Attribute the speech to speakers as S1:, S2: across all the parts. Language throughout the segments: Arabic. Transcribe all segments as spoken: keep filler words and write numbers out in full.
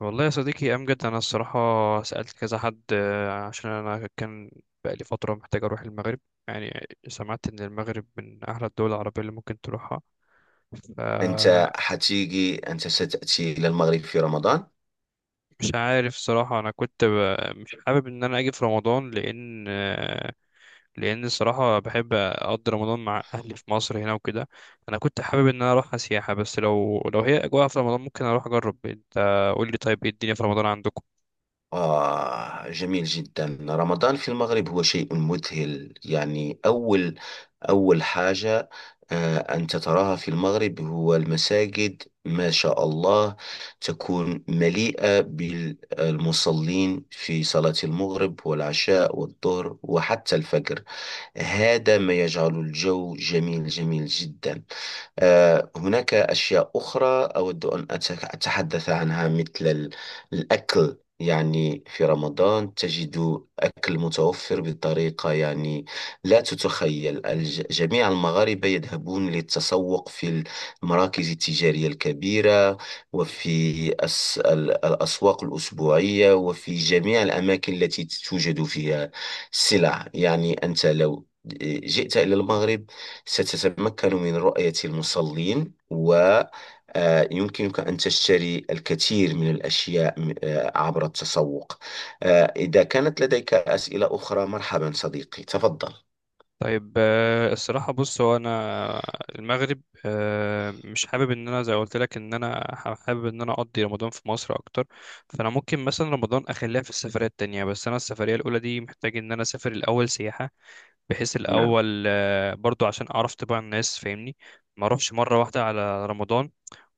S1: والله يا صديقي أمجد، أنا الصراحة سألت كذا حد آه، عشان أنا كان بقالي فترة محتاج أروح المغرب. يعني سمعت إن المغرب من أحلى الدول العربية اللي ممكن تروحها،
S2: أنت
S1: فمش
S2: حتيجي أنت ستأتي إلى المغرب في رمضان.
S1: عارف صراحة. أنا كنت ب- مش حابب إن أنا أجي في رمضان، لأن آه، لأن الصراحة بحب أقضي رمضان مع أهلي في مصر هنا وكده. أنا كنت حابب إن أنا أروح سياحة، بس لو لو هي أجواء في رمضان ممكن أروح أجرب. أنت قول لي، طيب إيه الدنيا في رمضان عندكم؟
S2: آه جميل جدا. رمضان في المغرب هو شيء مذهل. يعني أول أول حاجة آه أنت تراها في المغرب هو المساجد، ما شاء الله، تكون مليئة بالمصلين في صلاة المغرب والعشاء والظهر وحتى الفجر. هذا ما يجعل الجو جميل جميل جدا. آه، هناك أشياء أخرى أود أن أتك- أتحدث عنها مثل ال- الأكل. يعني في رمضان تجد أكل متوفر بطريقة، يعني لا تتخيل. الج- جميع المغاربة يذهبون للتسوق في المراكز التجارية الكبيرة، وفي الس- ال- الأسواق الأسبوعية، وفي جميع الأماكن التي توجد فيها السلع. يعني أنت لو آه، جئت إلى المغرب ستتمكن من رؤية المصلين، ويمكنك أن تشتري الكثير من الأشياء م- آه، عبر التسوق. آه، إذا كانت لديك أسئلة أخرى، مرحبا صديقي، تفضل.
S1: طيب، آه، الصراحة بص، هو أنا المغرب آه، مش حابب إن أنا زي ما قلت لك إن أنا ح- حابب إن أنا أقضي رمضان في مصر أكتر. فأنا ممكن مثلا رمضان أخليها في السفرية التانية، بس أنا السفرية الأولى دي محتاج إن أنا أسافر الأول سياحة، بحيث
S2: نعم.
S1: الأول آه، برضو عشان أعرف طباع الناس، فاهمني؟ ما أروحش مرة واحدة على رمضان،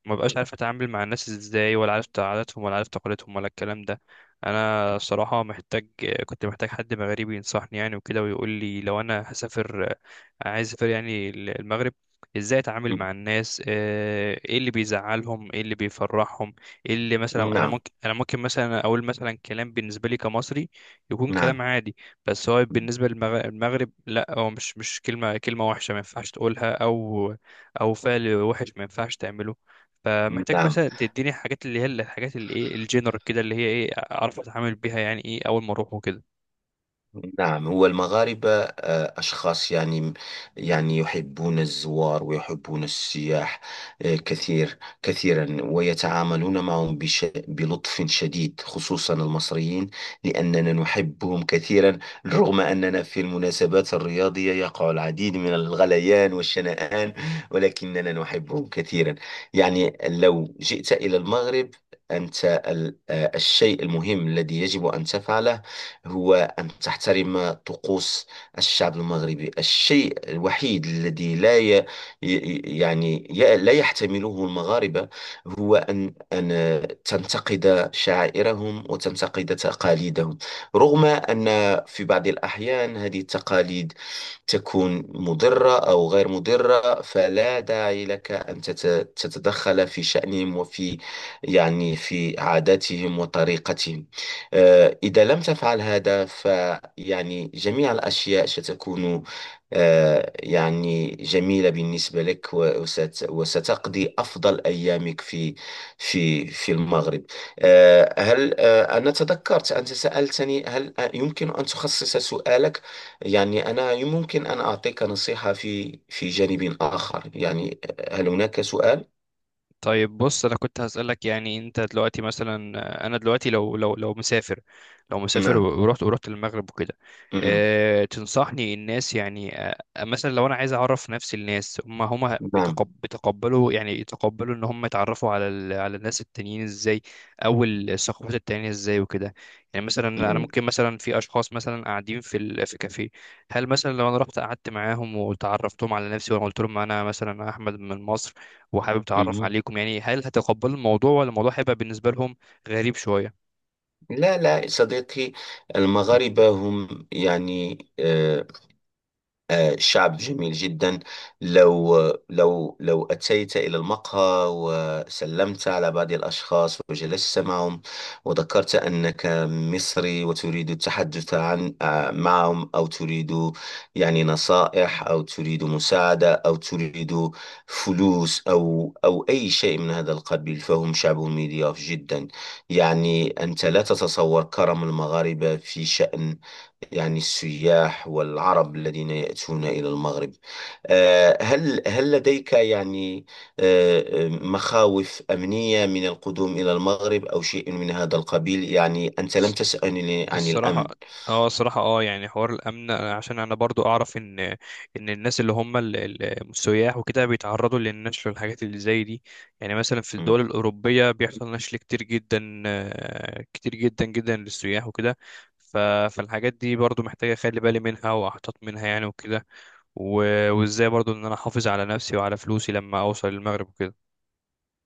S1: ما بقاش عارف اتعامل مع الناس ازاي ولا عارف عاداتهم ولا عارف تقاليدهم ولا الكلام ده. انا الصراحه محتاج، كنت محتاج حد مغربي ينصحني يعني وكده، ويقول لي لو انا هسافر، عايز اسافر يعني المغرب، ازاي اتعامل مع الناس، آه، ايه اللي بيزعلهم، ايه اللي بيفرحهم، ايه اللي مثلا انا
S2: نعم.
S1: ممكن انا ممكن مثلا اقول مثلا كلام، بالنسبه لي كمصري يكون كلام
S2: نعم.
S1: عادي. بس هو بالنسبه للمغرب لا، هو مش مش كلمه، كلمه وحشه ما ينفعش تقولها، او او فعل وحش ما ينفعش تعمله. فمحتاج
S2: نعم.
S1: مثلا تديني حاجات، اللي هي الحاجات اللي ايه الجنرال كده، اللي هي ايه اعرف اتعامل بيها، يعني ايه اول ما اروح وكده.
S2: نعم، هو المغاربة آه، أشخاص، يعني يعني يحبون الزوار ويحبون السياح آه، كثير كثيرا، ويتعاملون معهم بش بلطف شديد، خصوصا المصريين لأننا نحبهم كثيرا. رغم أننا في المناسبات الرياضية يقع العديد من الغليان والشنآن، ولكننا نحبهم كثيرا. يعني لو جئت إلى المغرب، أنت ال- آه، الشيء المهم الذي يجب أن تفعله هو أن تحترم طقوس الشعب المغربي. الشيء الوحيد الذي لا ي... ي- يعني ي... لا يحتمله المغاربة هو أن أن تنتقد شعائرهم وتنتقد تقاليدهم، رغم أن في بعض الأحيان هذه التقاليد تكون مضرة أو غير مضرة، فلا داعي لك أن تت- تتدخل في شأنهم، وفي يعني في عاداتهم وطريقتهم. آه، إذا لم تفعل هذا فيعني جميع الأشياء ستكون آه، يعني جميلة بالنسبة لك، و- وست- وستقضي أفضل أيامك في في في المغرب. آه، هل آه، أنا تذكرت، أنت سألتني هل آه، يمكن أن تخصص سؤالك. يعني أنا ممكن أن أعطيك نصيحة في في جانب آخر. يعني هل هناك سؤال؟
S1: طيب بص، انا كنت هسألك يعني، انت دلوقتي مثلا، آه، انا دلوقتي لو لو لو مسافر، لو مسافر
S2: نعم.
S1: و- ورحت ورحت المغرب وكده.
S2: مم.
S1: أه تنصحني الناس يعني، أه مثلا لو انا عايز اعرف نفسي، الناس هم هم
S2: نعم.
S1: بيتقب بيتقبلوا يعني يتقبلوا ان هم يتعرفوا على ال على الناس التانيين ازاي، او الثقافات التانية ازاي وكده. يعني مثلا انا
S2: مم.
S1: ممكن، مثلا في اشخاص مثلا قاعدين في ال في كافيه، هل مثلا لو انا رحت قعدت معاهم وتعرفتهم على نفسي وانا قلت لهم انا مثلا احمد من مصر وحابب اتعرف
S2: مم.
S1: عليكم، يعني هل هتقبلوا الموضوع ولا الموضوع هيبقى بالنسبه لهم غريب شويه؟
S2: لا لا صديقي، المغاربة هم يعني آه، آه، شعب جميل جدا. لو لو لو أتيت إلى المقهى وسلمت على بعض الأشخاص وجلست معهم وذكرت أنك مصري وتريد التحدث عن آه، معهم، أو تريد يعني نصائح، أو تريد مساعدة، أو تريد فلوس، أو أو أي شيء من هذا القبيل، فهم شعب مضياف جدا. يعني أنت لا تتصور كرم المغاربة في شأن يعني السياح والعرب الذين يأتون إلى المغرب. آه، هل هل لديك يعني آه، آه، مخاوف أمنية من القدوم إلى المغرب أو شيء من هذا القبيل؟ يعني أنت لم
S1: الص-
S2: تسألني عن
S1: الصراحه،
S2: الأمن.
S1: اه الصراحه، اه يعني حوار الامن، عشان انا برضو اعرف ان ان الناس اللي هم ال- ال- السياح وكده بيتعرضوا للنشل والحاجات اللي زي دي. يعني مثلا في الدول الاوروبيه بيحصل نشل كتير جدا، آه، كتير جدا جدا للسياح وكده. ف- فالحاجات دي برضو محتاجه اخلي بالي منها واحتاط منها يعني وكده، و- وازاي برضو ان انا احافظ على نفسي وعلى فلوسي لما اوصل المغرب وكده.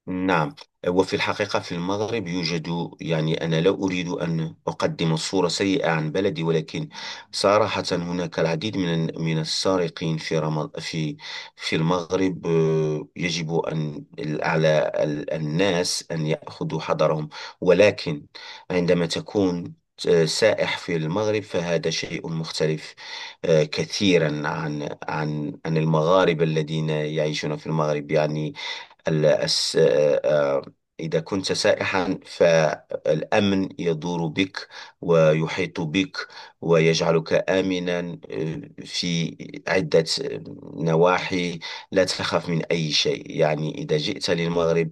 S2: نعم، وفي الحقيقة في المغرب يوجد، يعني أنا لا أريد أن أقدم صورة سيئة عن بلدي، ولكن صراحة هناك العديد من من السارقين في رمض في في المغرب. آه، يجب أن على ال- الناس أن يأخذوا حذرهم. ولكن عندما تكون آه، سائح في المغرب فهذا شيء مختلف آه، كثيرا عن عن عن المغاربة الذين يعيشون في المغرب. يعني ال- الس- آه، آه، إذا كنت سائحا فالأمن يدور بك ويحيط بك ويجعلك آمنا آه، في عدة نواحي. لا تخاف من أي شيء. يعني إذا جئت للمغرب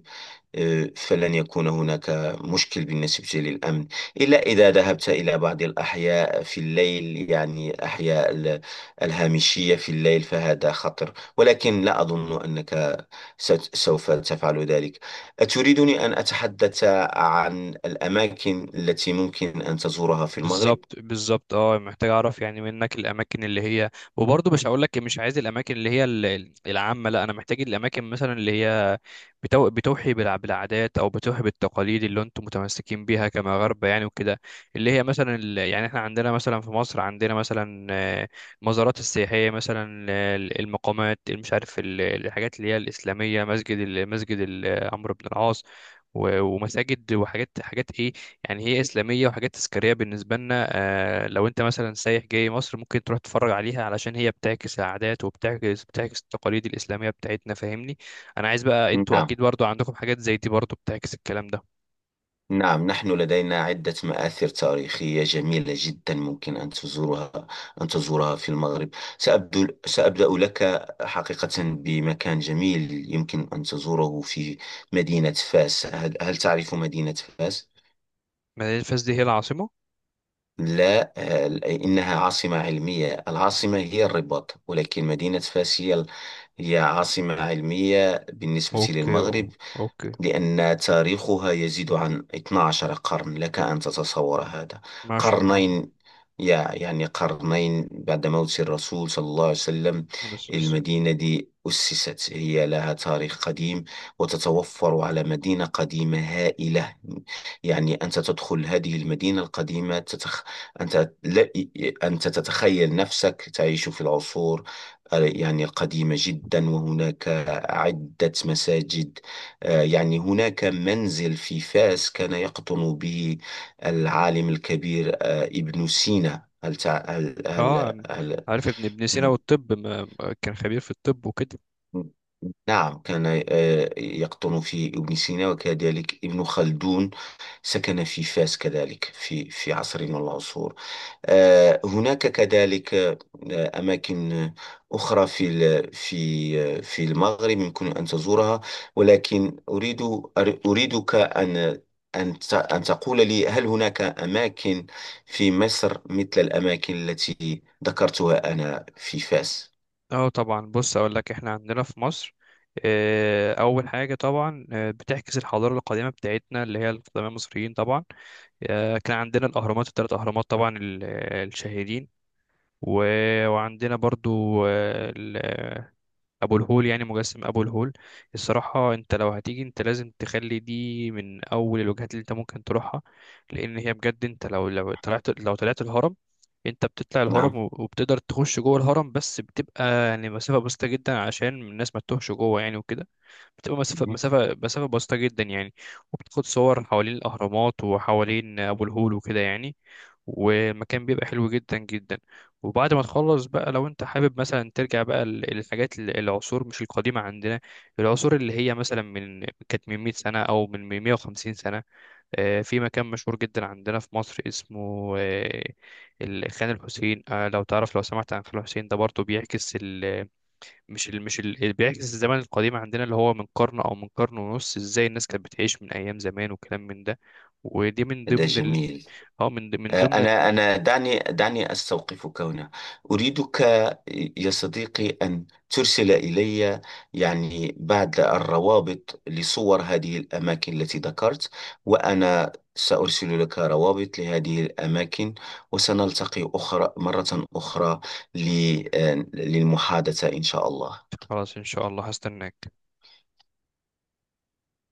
S2: آه، فلن يكون هناك مشكل بالنسبة للأمن، إلا إذا ذهبت إلى بعض الأحياء في الليل، يعني أحياء ال- الهامشية في الليل، فهذا خطر، ولكن لا أظن أنك ست- سوف تفعل ذلك. أتريدني أن أتحدث عن الأماكن التي ممكن أن تزورها في المغرب؟
S1: بالظبط بالظبط، اه محتاج اعرف يعني منك الاماكن اللي هي، وبرضه مش هقول لك مش عايز الاماكن اللي هي ال- ال- العامه، لا، انا محتاج الاماكن مثلا اللي هي بتو... بتوحي بالع- بالعادات او بتوحي بالتقاليد اللي انتم متمسكين بيها كمغاربه يعني وكده. اللي هي مثلا ال... يعني احنا عندنا مثلا في مصر، عندنا مثلا آه، المزارات السياحيه، مثلا آه، المقامات، مش عارف ال- الحاجات اللي هي الاسلاميه، مسجد ال- مسجد ال- عمرو بن العاص و- ومساجد وحاجات، حاجات ايه، يعني هي اسلاميه وحاجات تذكاريه بالنسبه لنا. آه، لو انت مثلا سايح جاي مصر ممكن تروح تتفرج عليها علشان هي بتعكس العادات وبتعكس بتعكس التقاليد الاسلاميه بتاعتنا، فاهمني؟ انا عايز بقى، انتوا اكيد
S2: نعم.
S1: برضو عندكم حاجات زي دي برضو بتعكس الكلام ده.
S2: نعم، نحن لدينا عدة مآثر تاريخية جميلة جدا ممكن أن تزورها، أن تزورها في المغرب. سأبدو سأبدأ لك حقيقة بمكان جميل يمكن أن تزوره في مدينة فاس. هل, هل تعرف مدينة فاس؟
S1: مدينه فاس دي هي العاصمه؟
S2: لا، هل- إنها عاصمة علمية. العاصمة هي الرباط، ولكن مدينة فاس هي ال- هي عاصمة علمية بالنسبة
S1: اوكي،
S2: للمغرب،
S1: اوكي.
S2: لأن تاريخها يزيد عن اثنا عشر قرن. لك أن تتصور هذا.
S1: ما شاء الله.
S2: قرنين، يا يعني قرنين بعد موت الرسول صلى الله عليه وسلم.
S1: على أساس-
S2: المدينة دي أسست، هي لها تاريخ قديم، وتتوفر على مدينة قديمة هائلة. يعني أنت تدخل هذه المدينة القديمة تتخ... أنت لا... أنت تتخيل نفسك تعيش في العصور، يعني القديمة جدا. وهناك عدة مساجد. آه، يعني هناك منزل في فاس كان يقطن به العالم الكبير آه، ابن سينا. هل تع... هل... هل...
S1: اه
S2: هل...
S1: عارف ابن ابن سينا
S2: م-
S1: والطب، ما ما كان خبير في الطب وكده.
S2: نعم، كان آه، يقطن فيه ابن سينا، وكذلك ابن خلدون سكن في فاس كذلك في في عصر من العصور. آه، هناك كذلك آه، أماكن أخرى في ال- في آه، في المغرب يمكن أن تزورها. ولكن أريد أر- أريدك أن أن ت- أن تقول لي هل هناك أماكن في مصر مثل الأماكن التي ذكرتها أنا في فاس؟
S1: اه طبعا، بص اقول لك، احنا عندنا في مصر، آه، اول حاجه طبعا آه، بتعكس الحضاره القديمه بتاعتنا اللي هي القدماء المصريين طبعا. آه، كان عندنا الاهرامات، الثلاث اهرامات طبعا ال- الشهيرين. و- وعندنا برضو ابو الهول، يعني مجسم ابو الهول. الصراحه انت لو هتيجي انت لازم تخلي دي من اول الوجهات اللي انت ممكن تروحها، لان هي بجد. انت لو لو طلعت لو طلعت الهرم، انت بتطلع الهرم
S2: نعم.
S1: وب- وبتقدر تخش جوه الهرم، بس بتبقى يعني مسافه بسيطه جدا عشان الناس ما تتوهش جوه يعني وكده. بتبقى مسافة
S2: مهم.
S1: مسافة مسافة بسيطة جدا يعني. وبتاخد صور حوالين الأهرامات وحوالين أبو الهول وكده يعني، والمكان بيبقى حلو جدا جدا. وبعد ما تخلص بقى، لو انت حابب مثلا ترجع بقى ل- للحاجات ال- العصور مش القديمة عندنا، العصور اللي هي مثلا من كانت من مئة سنة أو من مئة وخمسين سنة. آه، في مكان مشهور جدا عندنا في مصر اسمه آه، ال- خان الحسين. آه، لو تعرف، لو سمعت عن خان الحسين ده برضه بيعكس ال- مش ال... مش ال... اللي بيعكس الزمن القديم عندنا، اللي هو من قرن او من قرن ونص، ازاي الناس كانت بتعيش من ايام زمان وكلام من ده. ودي من
S2: هذا
S1: ضمن ال...
S2: جميل.
S1: اه من ض- من ضمن.
S2: أنا أنا دعني دعني أستوقفك هنا. أريدك يا صديقي أن ترسل إلي يعني بعض الروابط لصور هذه الأماكن التي ذكرت، وأنا سأرسل لك روابط لهذه الأماكن، وسنلتقي أخرى مرة أخرى ل- للمحادثة إن شاء الله.
S1: خلاص، ان شاء الله هستناك.